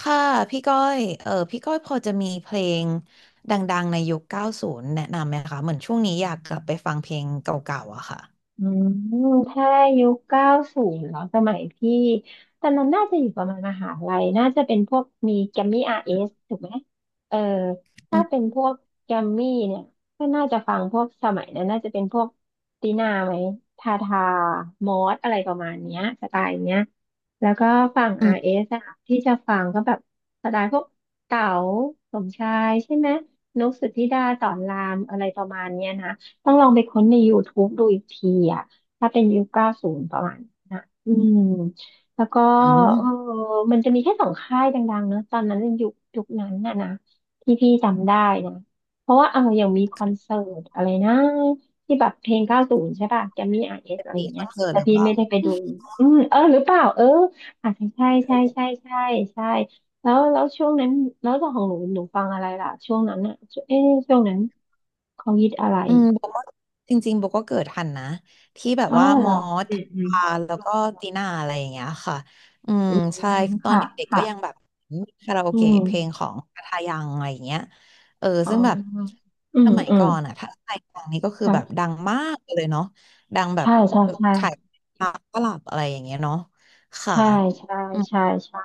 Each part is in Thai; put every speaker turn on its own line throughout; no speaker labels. ค่ะพี่ก้อยพี่ก้อยพอจะมีเพลงดังๆในยุค90แนะนำไหมคะเหมือนช่วงนี้อยากกลับไปฟังเพลงเก่าๆอะค่ะ
อืมถ้ายุคเก้าศูนย์เหรอสมัยพี่ตอนนั้นน่าจะอยู่ประมาณมหาลัยน่าจะเป็นพวกมีแกมมี่อาร์เอสถูกไหมเออ
อื
ถ้า
ม
เป็นพวกแกมมี่เนี่ยก็น่าจะฟังพวกสมัยนั้นน่าจะเป็นพวกตีนาไหมทาทามอสอะไรประมาณเนี้ยสไตล์เนี้ยแล้วก็ฝั่ง
อืม
RS อสอะที่จะฟังก็แบบสไตล์พวกเต๋าสมชายใช่ไหมนุกสุธิดาสอนรามอะไรประมาณเนี้ยนะ ต้องลองไปค้นใน YouTube ดูอีกทีอ่ะถ้าเป็นยุคเก้าศูนย์ประมาณนั้นนะอืมแล้วก็
อืม
เออมันจะมีแค่สองค่ายดังๆเนอะตอนนั้นในยุคนั้นน่ะนะที่พี่จำได้นะเพราะว่าเอาอย่างมีคอนเสิร์ตอะไรนะที่แบบเพลงเก้าศูนย์ใช่ป่ะแกมมี่อาร์เอส
เป็น
อะไรอ
ปี
ย่าง
ค
เงี้
อ
ย
นเสิร์ต
แต่
หรือ
พี่
เปล่า
ไม่ได้ไปดู อืมเออหรือเปล่าเอออาจจะใช่ใช่ใช่ใช่ใช่แล้วช่วงนั้นแล้วของหนูฟังอะไรล่ะช่วงนั้นอ่ะเอ๊ะช่วงนั้นเขาฮิตอะไร
อืมโบก็จริงๆโบก็เกิดทันนะที่แบบ
อ๋อ
ว่า
เห
ม
รอ
อส
อืม อืม
ทาแล้วก็ตีน่าอะไรอย่างเงี้ยค่ะอืม
อื
ใช่
ม
ตอน
ค่ะ
เด็กๆก็ยัง
ค่ะ
แบบมีคาราโอ
อื
เกะ
ม
เพลงของทาทายังอะไรอย่างเงี้ย
อ๋
ซึ่งแบบ
ออื
ส
ม
มัย
อืม
ก่อนอะถ้าใครฟังนี่ก็คือแบบดั
ค่ะ
งมากเลยเนาะดังแบบ
ใช่ใช่ใช่
ขายตลับอะไรอย่างเงี้ยเนาะค่ะ
ใช่ใช่
อืม
ใช่ใช่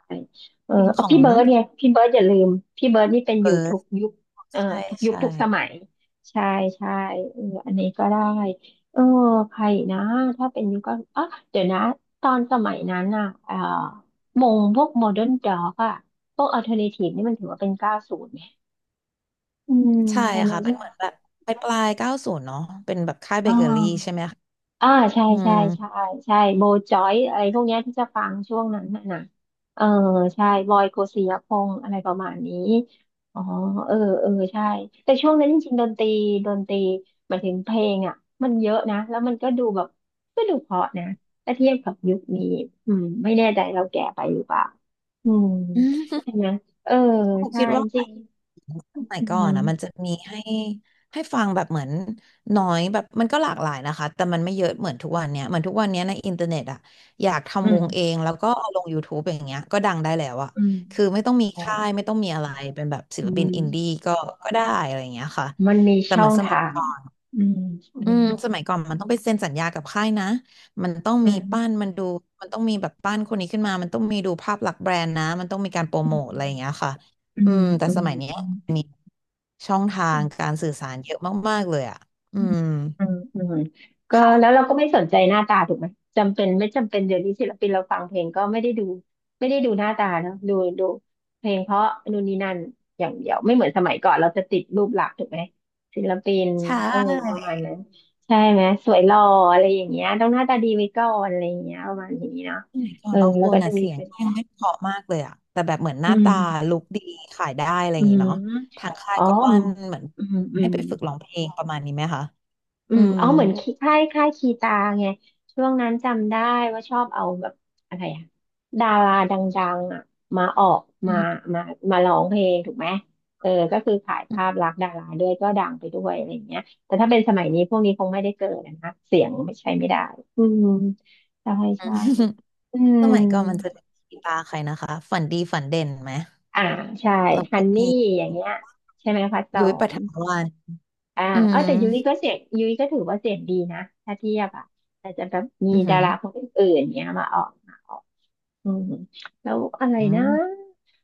เออ
เพลงข
เอา
อ
พี่
ง
เบิร์ดไงพี่เบิร์ดอย่าลืม พี่เบิร์ดนี่เป็น
เอ
อยู่
อ
ทุกยุคเอ่อ
ใช่
ทุกยุค
ใช่
ทุกสมัย ใช่ใช่เอออันนี้ก็ได้ เออ ใครอีกนะ ถ้าเป็นยุคก็อ๋อเดี๋ยวนะ ตอนสมัยนั้นน่ะมงพวกโมเดิร์นด็อกอะพวกอัลเทอร์เนทีฟนี่มันถือว่าเป็นเก้าศูนย์ไหมอืม
ใช่
ดัง
ค่ะ
นั้น
เป็นเหมือนแบบปลายเก้าศูนย์เนาะเป็นแบบค่ายเบ
อ่
เกอรี่ใช่
า
ไหม
อ่าใช่
อื
ใช่
ม
ใช่ ใช่โบจอยอะไรพวกเนี้ยที่จะฟังช่วงนั้นน่ะนะเออใช่บอยโกสิยพงษ์อะไรประมาณนี้อ๋อเออเออใช่แต่ช่วงนั้นจริงๆ ดนตรีหมายถึงเพลงอ่ะมันเยอะนะ แล้วมันก็ดูแบบก็ดูเพราะนะถ้าเทียบกับยุคนี้อืมไม่แน่ใจเราแก่ไปหรือเปล่าอืม
อืมผม
ใช่ไหม เออ ใช่
คิดว่า
จริง
สมัย
อื
ก่อนอ่ะมันจะ
ม
มีให้ให้ฟังแบบเหมือนน้อยแบบมันก็หลากหลายนะคะแต่มันไม่เยอะเหมือนทุกวันเนี้ยเหมือนทุกวันเนี้ยในอินเทอร์เน็ตอ่ะอยาก
อื
ทำวงเอ
ม
งแล้วก็เอาลง YouTube อย่างเงี้ยก็ดังได้แล้วอ่ะ
อืม
คือไม่ต้องมี
อ๋อ
ค่ายไม่ต้องมีอะไรเป็นแบบศิ
อื
ลปินอินดี้
ม
ก็ได้อะไรอย่างเงี้ยค่ะ
มันมี
แต่
ช่
เห
อ
มือ
ง
นสมัย
ทาง
ก่อน
อืมอื
อืม
ม
สมัยก่อนมันต้องไปเซ็นสัญญากับค่ายนะมันต้อง
อื
มี
ม
ป้านมันดูมันต้องมีแบบป้านคนนี้ขึ้นมามันต้องมีดูภาพลักษณ์แบรนด์นะมันต้องมีการโปรโมทอะไรอย่างเงี้ยค่ะ
อื
อื
ม
มแต่
อื
ส
ม
มัยเนี้ย
อืม
อันนี้ช่องทางการสื่อสารเยอะมากๆเลยอ่ะอื
อืม
ม
อืมอืมอืมก็แล้ว
ค่ะ
เราก็ไม่สนใจหน้าตาถูกไหมจำเป็นไม่จำเป็นเดี๋ยวนี้ศิลปินเราฟังเพลงก็ไม่ได้ดูหน้าตาเนอะดูดูเพลงเพราะนู่นนี่นั่นอย่างเดียวไม่เหมือนสมัยก่อนเราจะติดรูปลักษณ์ถูกไหมศิลปิน
ใช่
เออประมาณนั้นใช่ไหมสวยหล่ออะไรอย่างเงี้ยต้องหน้าตาดีไว้ก่อนอะไรอย่างเงี้ยประมาณนี้เนาะ
สมัยก่อ
เอ
น
อ
บางค
แล้ว
น
ก็จะ
อ่ะ
มี
เสีย
เ
งยังไม่เพราะมากเลยอ่ะแต่แบบเหมือนห
อื
น้าตา
ม
ลุคดีขายได้อะไรอ
อื
ย่างงี้
ม
เนาะทางค่าย
อ๋อ
ก็ปั้นเหมือน
อืมอื
ให้
ม
ไปฝึกร้องเพลงประมาณนี้ไหมคะ
อื
อื
ม
ม
อ๋อาเหมือนคีค่ายคีตาไงช่วงนั้นจำได้ว่าชอบเอาแบบอะไรอะดาราดังๆอะมาออก
อื
มา
ม
มามาร้องเพลงถูกไหมเออก็คือขายภาพลักษณ์ดาราด้วยก็ดังไปด้วยอะไรอย่างเงี้ยแต่ถ้าเป็นสมัยนี้พวกนี้คงไม่ได้เกิดอะนะ เสียงไม่ใช่ไม่ได้อืมใช่ใช่อืม
สมัยก่อนมันจะมีตาใครนะคะฝันดีฝันเด่นไหม
อ่าใช่
แล้ว
ฮั
ก็
นนี่
มี
อย่างเงี้ยใช่ไหมพัดสอ
ยุ้ยปฐ
น
มวาล
อ่า
อื
เออ
ม
แต่ยุ้ยก็เสียงยุ้ยก็ถือว่าเสียงดีนะ ถ้าเทียบอ่ะแต่จะแบบมี
อือหื
ดา
อ
ราคนอื่นๆเนี้ยมาออก อืมแล้วอะไร
อื
นะ
ม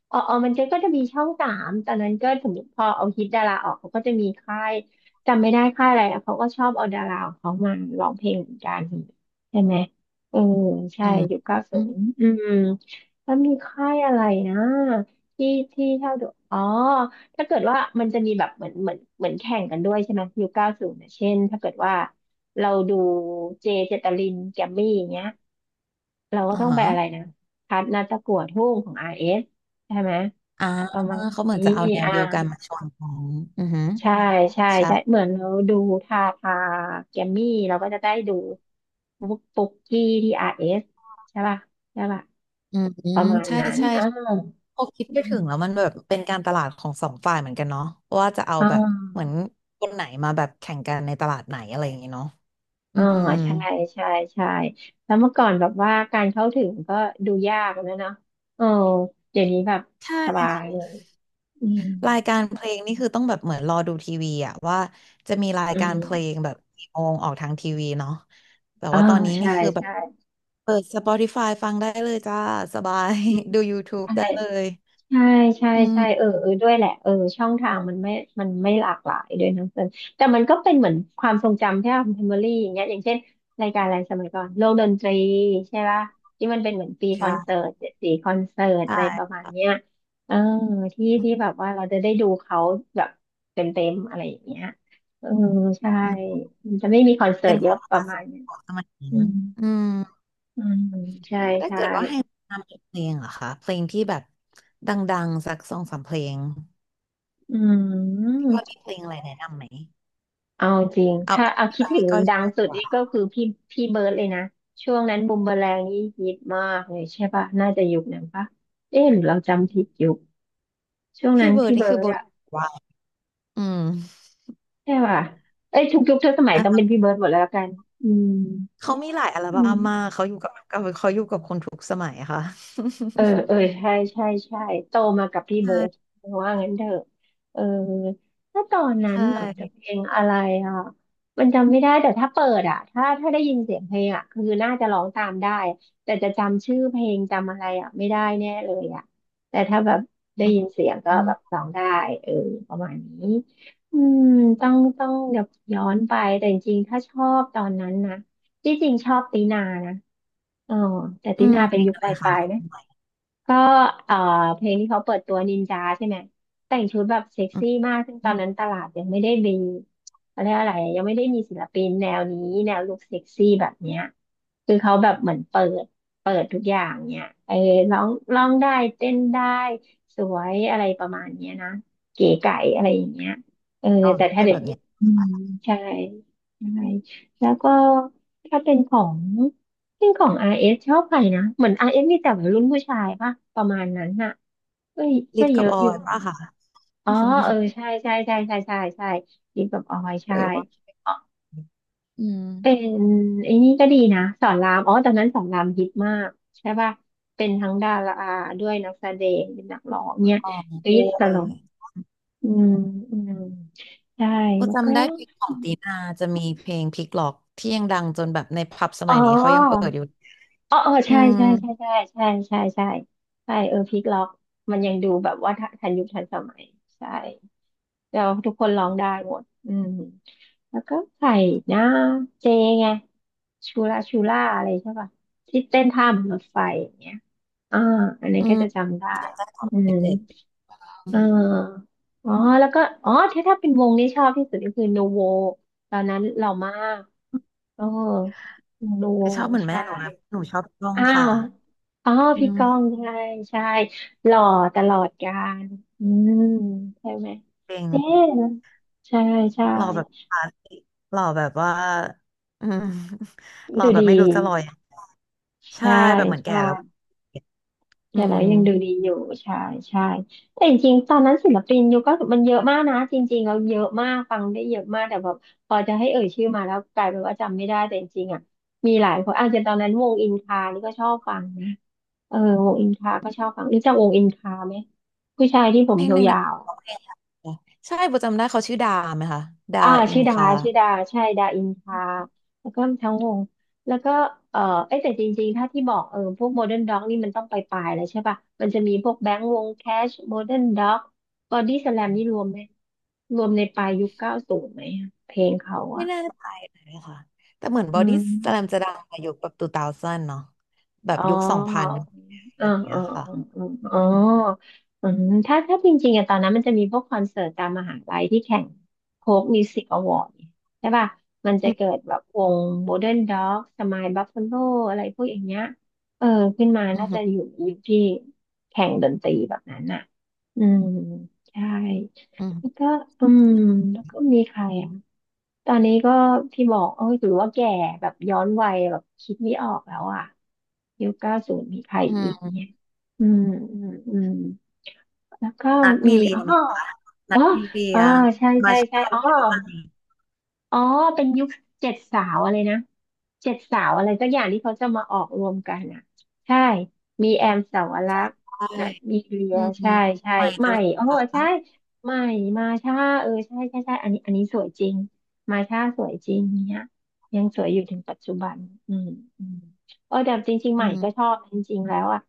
อ๋อมันจะก็จะมีช่องสามตอนนั้นก็สมมติพอเอาฮิตดาราออกเขาก็จะมีค่ายจำไม่ได้ค่ายอะไรอะเขาก็ชอบเอาดาราของเขามาร้องเพลงเหมือนกันใช่ไหมเออใช่
อืม
ยุคเก้า
อื
ศู
ม
นย์อืมแล้วมีค่ายอะไรนะที่ที่เท่าดูอ๋อถ้าเกิดว่ามันจะมีแบบเหมือนแข่งกันด้วยใช่ไหมยุคเก้าศูนย์เช่นถ้าเกิดว่าเราดูเจเจตลินแกมมี่อย่างเงี้ย เราก็
อ่า
ต้องไป
ฮะ
อะไรนะคัดนัดตะกวดหุ่งของ RS ใช่ไหม
อ่า
ประมาณ
เขาเหมือน
นี้
จะเอาแนว
อ่า
เดียวกันมาชนกันอือหือ
ใช่ใช่
ใช่
ใช่เหมือนเราดูทาทาแกมมี่เราก็จะได้ดูปุ๊กปุ๊กกี้ที่ RS ใช่ป่ะใช่ป่ะ
อืมอื
ป
ม
ระมาณ
ใช่
นั้น
ใช่
อ่า
พอคิดไปถึงแล้วมันแบบเป็นการตลาดของสองฝ่ายเหมือนกันเนาะว่าจะเอา
อ่
แบบเหมือ
า
นคนไหนมาแบบแข่งกันในตลาดไหนอะไรอย่างเงี้ยเนาะอื
อ่า
ม
ใช่ใช่ใช่แล้วเมื่อก่อนแบบว่าการเข้าถึงก็ดูยากนะเนาะเออเดี๋ยวนี้แบบ
ใ
สบา
ช่
ยเลย อืม
รายการเพลงนี่คือต้องแบบเหมือนรอดูทีวีอะว่าจะมีราย
อื
กา
ม
รเพลงแบบกี่โมงออกทางทีวีเนาะแต่
อ่า
ว่าตอนนี้นี่
ใช่
คือแบบ
ใช่
เปิด Spotify ฟังได้เลยจ้าสบาย
อืม
ดู YouTube
ใช่
ได้เลย
ใช่ใช่
อื
ใช่เอ
ม
อเออด้วยแหละเออช่องทางมันไม่หลากหลายด้วยทั้งส่้นแต่มันก็เป็นเหมือนความทรงจำที่เราเมมโมรี่อย่างเงี้ยอย่างเช่นรายการอะไรสมัยก่อนโลกดนตรีใช่ป่ะที่มันเป็นเหมือนปีคอนเสิ
ใช่
ร์ตเจ็ดสีคอนเสิร์ต
ใช่
อะไรประมาณเนี้ยเออที่แบบว่าเราจะได้ดูเขาแบบเต็มอะไรอย่างเงี้ยเออใช่
มัน
มันจะไม่มีคอนเสิร์
เป็
ต
น
เย
ควา
อะ
มค
ป
ลา
ระ
สสิ
มา
ก
ณเนี้ย
ของสมัยนี้
อืม
อืม
อืมใช่
ถ้า
ใช่
เกิดว่าให้แนะนำเพลงเหรอคะเพลงที่แบบดังๆสักสองสามเพลง
อื
พี่ก้อยมี
ม
เพลงอะไรแนะนำไหม
เอาจริง
เอา
ถ้า
เอา
เอา
ที่
คิ
แบ
ด
บ
ถึ
พี่
ง
ก้อยช
ดัง
อบดี
สุด
ก
นี่
ว่า
ก็คือพี่เบิร์ดเลยนะช่วงนั้นบูมเบอแรงนี่ฮิตมากเลยใช่ป่ะน่าจะยุคนั้นป่ะเอ๊ะหรือเราจำผิดยุคช่วง
พี่
นั้น
เบิร์
พี่
ดนี่
เบิ
คือ
ร์ด
โบท
อะ
ว่าอืม
ใช่ป่ะเอ้ยทุกยุคทุกสมัย
อั
ต้องเป็น
น
พี่เบิร์ดหมดแล้วกันอืม
เขามีหลายอัล
อื
บั้
ม
มมากเขาอยู่กับเขาอยู่กับคนทุกสมัยค่ะ
เออเออใช่ใช่ใช่โตมากับพี่ เบิร์ด
ใช่
ว่างั้นเถอะเออถ้าตอนนั้
ใช
นเหรอจะเพ
่
ลงอะไรอ่ะมันจำไม่ได้แต่ถ้าเปิดอ่ะถ้าได้ยินเสียงเพลงอ่ะคือน่าจะร้องตามได้แต่จะจำชื่อเพลงจำอะไรอ่ะไม่ได้แน่เลยอ่ะแต่ถ้าแบบได้ยิน
อ
เสียงก็
ื
แบบ
ม
ร้องได้เออประมาณนี้อืมต้องเดี๋ยวย้อนไปแต่จริงๆถ้าชอบตอนนั้นนะที่จริงชอบตีนานะอ๋อแต่
อื
ตี
ม
นา
เพ
เป็น
ลง
ยุค
อะ
ป
ไรคะ
ลาย
นะ
ๆนะ ก็เอ่อเพลงที่เขาเปิดตัวนินจาใช่ไหมแต่งชุดแบบเซ็ก
อื
ซี่
ม
มากซึ่งตอนนั้นตลาดยังไม่ได้มีเขาเรียกอะไรอะยังไม่ได้มีศิลปินแนวนี้แนวลุคเซ็กซี่แบบเนี้ยคือเขาแบบเหมือนเปิดทุกอย่างเนี่ยเออร้องร้องได้เต้นได้สวยอะไรประมาณเนี้ยนะเก๋ไก๋อะไรอย่างเงี้ยเออ
ลอง
แต่
ร้อง
ถ้า
เป็น
เดี๋ย
แบ
ว
บ
นี้
เนี้ย
อืมใช่ใช่แล้วก็ถ้าเป็นของ จริงของอ s ชอบใครนะเหมือนอ s มีแต่วัยรุ่นผู้ชายป่ะประมาณนั้นน่ะเอ้ย
ลิ
ก็
ฟ
เย
กับ
อะ
ออ
อยู่
ย
นะ
ป่ะค่ะ
อ๋อเออ ใช่ใช่ใช่ใช่ใช่ใช่ิกับออย
ห
ใช่
รือว่า
อ๋อ
อืม
เป็นไอ้นี่ก็ดีนะสอนรามอ๋อตอนนั้นสอนรามฮิตมากใช่ป่ะเป็นทั้งดาราด้วยนักแสดงเป็นนักร้องเนี่ย
ของ
กรี๊
โอ้
ดตล
ย
กอืมอืมใช่
โอ้
แล้วก็
จำได้เพลงของตีนาจะมีเพลงพลิกล็อกที่ยังดังจนแบบในผับส
อ๋
มัยนี้เขายังเปิ
อ
ดอยู่
อ๋อเออ
อื
ใช่ใช่ใช่
ม
ใช่ใช่ใช่ใช่ใช่เออพลิกล็อกมันยังดูแบบว่าทันยุคทันสมัยใช่แล้วทุกคนร้องได้หมดอืมแล้วก็ใส่หน้าเจไงชูล่าชูล่าอะไรใช่ป่ะที่เต้นท่าบนรถไฟอย่างเงี้ยอ่าอันนี้น
อื
ก็
ม
จะจำได้
จำได้ตอน
อืม
เด็กๆอื
เ
ม
อออ๋อแล้วก็อ๋อถ้าเป็นวงที่ชอบที่สุดก็คือนูโวตอนนั้นเรามากเออนูโว
ไม่ชอบเหมือนแม่
ใช่
หนูแล้วหนูชอบร้อง
อ้า
ค่ะ
ว อ๋อ
อื
พี่ก้อง
ม
ใช่ใช่หล่อตลอดกาลอืมใช่ไหม
เพลง
เอ๊ะใช่ใช่
หล่อแบบคลาสสิกหล่อแบบว่า อืม หล่อ
ดู
แบบ
ดี
ไม่รู้จะหล่อยังไงใช่
ใช่
แบบเหมือนแก่
ใช่
แล้วอื
แก่แล้ว
ม
ยังดูดีอยู่ใช่ใช่แต่จริงๆตอนนั้นศิลปินยุคก็มันเยอะมากนะจริงๆเราเยอะมากฟังได้เยอะมากแต่แบบพอจะให้เอ่ยชื่อมาแล้วกลายเป็นว่าจำไม่ได้แต่จริงๆอ่ะมีหลายคนอาจจะตอนนั้นวงอินคานี่ก็ชอบฟังนะ เออวงอินคา ก็ชอบฟังรู้จักวงอินคาไหมผู้ชายที่ผ
เพ
ม
ลงหนึ่ง
ยา
นะคะ
วๆ
ร้องเพ
อะ
ลงอะไรนะใช่ประจำได้เขาชื่อดาไหมคะ ดา
อ่า
อิ
ชื่
น
อดา
คา
ชื่อดาใช่ดาอินคาแล้วก็ทั้งวงแล้วก็เออเอ้ยแต่จริงๆถ้าที่บอกเออพวกโมเดิร์นด็อกนี่มันต้องไปปลายแล้วใช่ป่ะมันจะมีพวกแบงค์วงแคชโมเดิร์นด็อกบอดี้สแลมนี่รวมไหมรวมในปลายยุคเก้าศูนย์ไหมอะเพลงเขา
ไม่
อ่ะ
แน่ใจเลยค่ะแต่เหมือนบ
อื
อดี้สแลมจะ
ม
ดังในยุคแบบตูเตาเซนเนาะแบบ
อ๋อ
ยุคสองพันอะ
เออ
ไรอย่าง
เอ
เงี้
อ
ยค่ะ
เออเออ
อื
อ๋อ
ม
อืมถ้าจริงๆอะตอนนั้นมันจะมีพวกคอนเสิร์ตตามมหาลัยที่แข่งโค้กมิวสิกอวอร์ดใช่ป่ะมันจะ
อื
เกิ
ม
ดแบบวงโมเดิร์นด็อกสมายบัฟฟาโล อะไรพวกอย่างเงี้ย เออขึ้นมา
อื
น่าจะอ
ม
ยู่ยุคที่แข่งดนตรีแบบนั้นอ่ะอืมใช่
อื
แล้ว
ม
ก็อืมแล้วก็มีใครอ่ะ ตอนนี้ก็พี่บอกเอ้ยถือว่าแก่แบบย้อนวัยแบบคิดไม่ออกแล้วอ่ะยุคเก้าศูนย์มีใคร
อื
อีก
ม
เนี่ยอืมอืมอืมแล้วก็
นัด
มี
มีเรีย
อ๋อ
ไหมคะ
อ๋
นั
อ
ดมีเรี
อ๋อ
ย
ใช่
มา
ใช่ใช่
เช่า
อ๋อ
แล้วอะไร
อ๋อเป็นยุคเจ็ดสาวอะไรนะเจ็ดสาวอะไรสักอย่างที่เขาจะมาออกรวมกันอ่ะใช่มีแอมสาวรักษ์
ใช่
นัดมีเลีย
อืม
ใช่ใช่
ใหม่
ให
เจ
ม่
ริญ
โอ้
ป
โหใช่
า
ใหม่มาช่าเออใช่ใช่ใช่อันนี้อันนี้สวยจริงมาช่าสวยจริงเนี่ยยังสวยอยู่ถึงปัจจุบันอืมอืมเออแต่จริงๆ
อื
ใหม่ก็ช
ม
อบจริงๆแล้วอ่ะ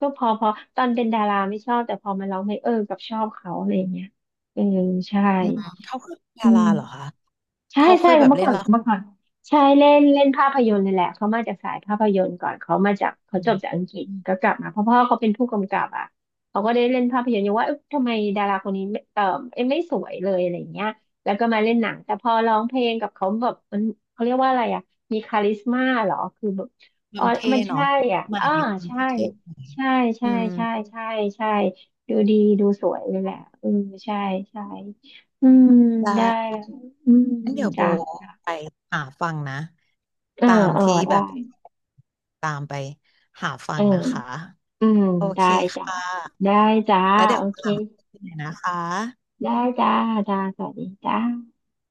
ก็พอพอตอนเป็นดาราไม่ชอบแต่พอมาร้องเพลงเออกับชอบเขาอะไรอย่างเงี้ยเออใช่
อืมเขาคือ
อื
ดา
ม
ราเหรอคะ
ใช่
เขาเค
ใช่
ยแบบ
เมื่อ
เล่น
ก่อน
ละค
เมื่อ
ร
ก่อนใช่เล่นเล่นภาพยนตร์เลยแหละเขามาจากสายภาพยนตร์ก่อนเขามาจากเขา
อื
จ
ม
บจากอังกฤษ
อืม
ก็กลับมาเพราะพ่อเขาเป็นผู้กำกับอ่ะเขาก็ได้เล่นภาพยนตร์อยู่ว่าเอ๊ะทำไมดาราคนนี้ไม่เออเอ๊ะไม่สวยเลยอะไรอย่างเงี้ยแล้วก็มาเล่นหนังแต่พอร้องเพลงกับเขาแบบมันเขาเรียกว่าอะไรอ่ะมีคาลิสมาเหรอคือแบบ
ค
อ๋
วา
อ
มเท่
มันใช่
เนาะ
อ่ะ
ใหม่
อ่า
ในความ
ใช่
ที่เท่หน่อย
ใช่ใช่
อืม
ใช่ใช่ใช่ดูดีดูสวยเลยแหละเออใช่ใช่อืม
ได
ได้
้
อืม
งั้นเดี๋ยวโบ
จ้ะ
ไปหาฟังนะ
เออ
ตาม
เออ
ที่แบ
ได้
บตามไปหาฟั
เออ
งนะคะ
อืม
โอ
ได้
เค
จ้ะ
ค่ะ
ได้จ้า
แล้วเดี๋ย
โอ
ว
เค
ตามไปนะคะ
ได้จ้าจ้าสวัสดีจ้า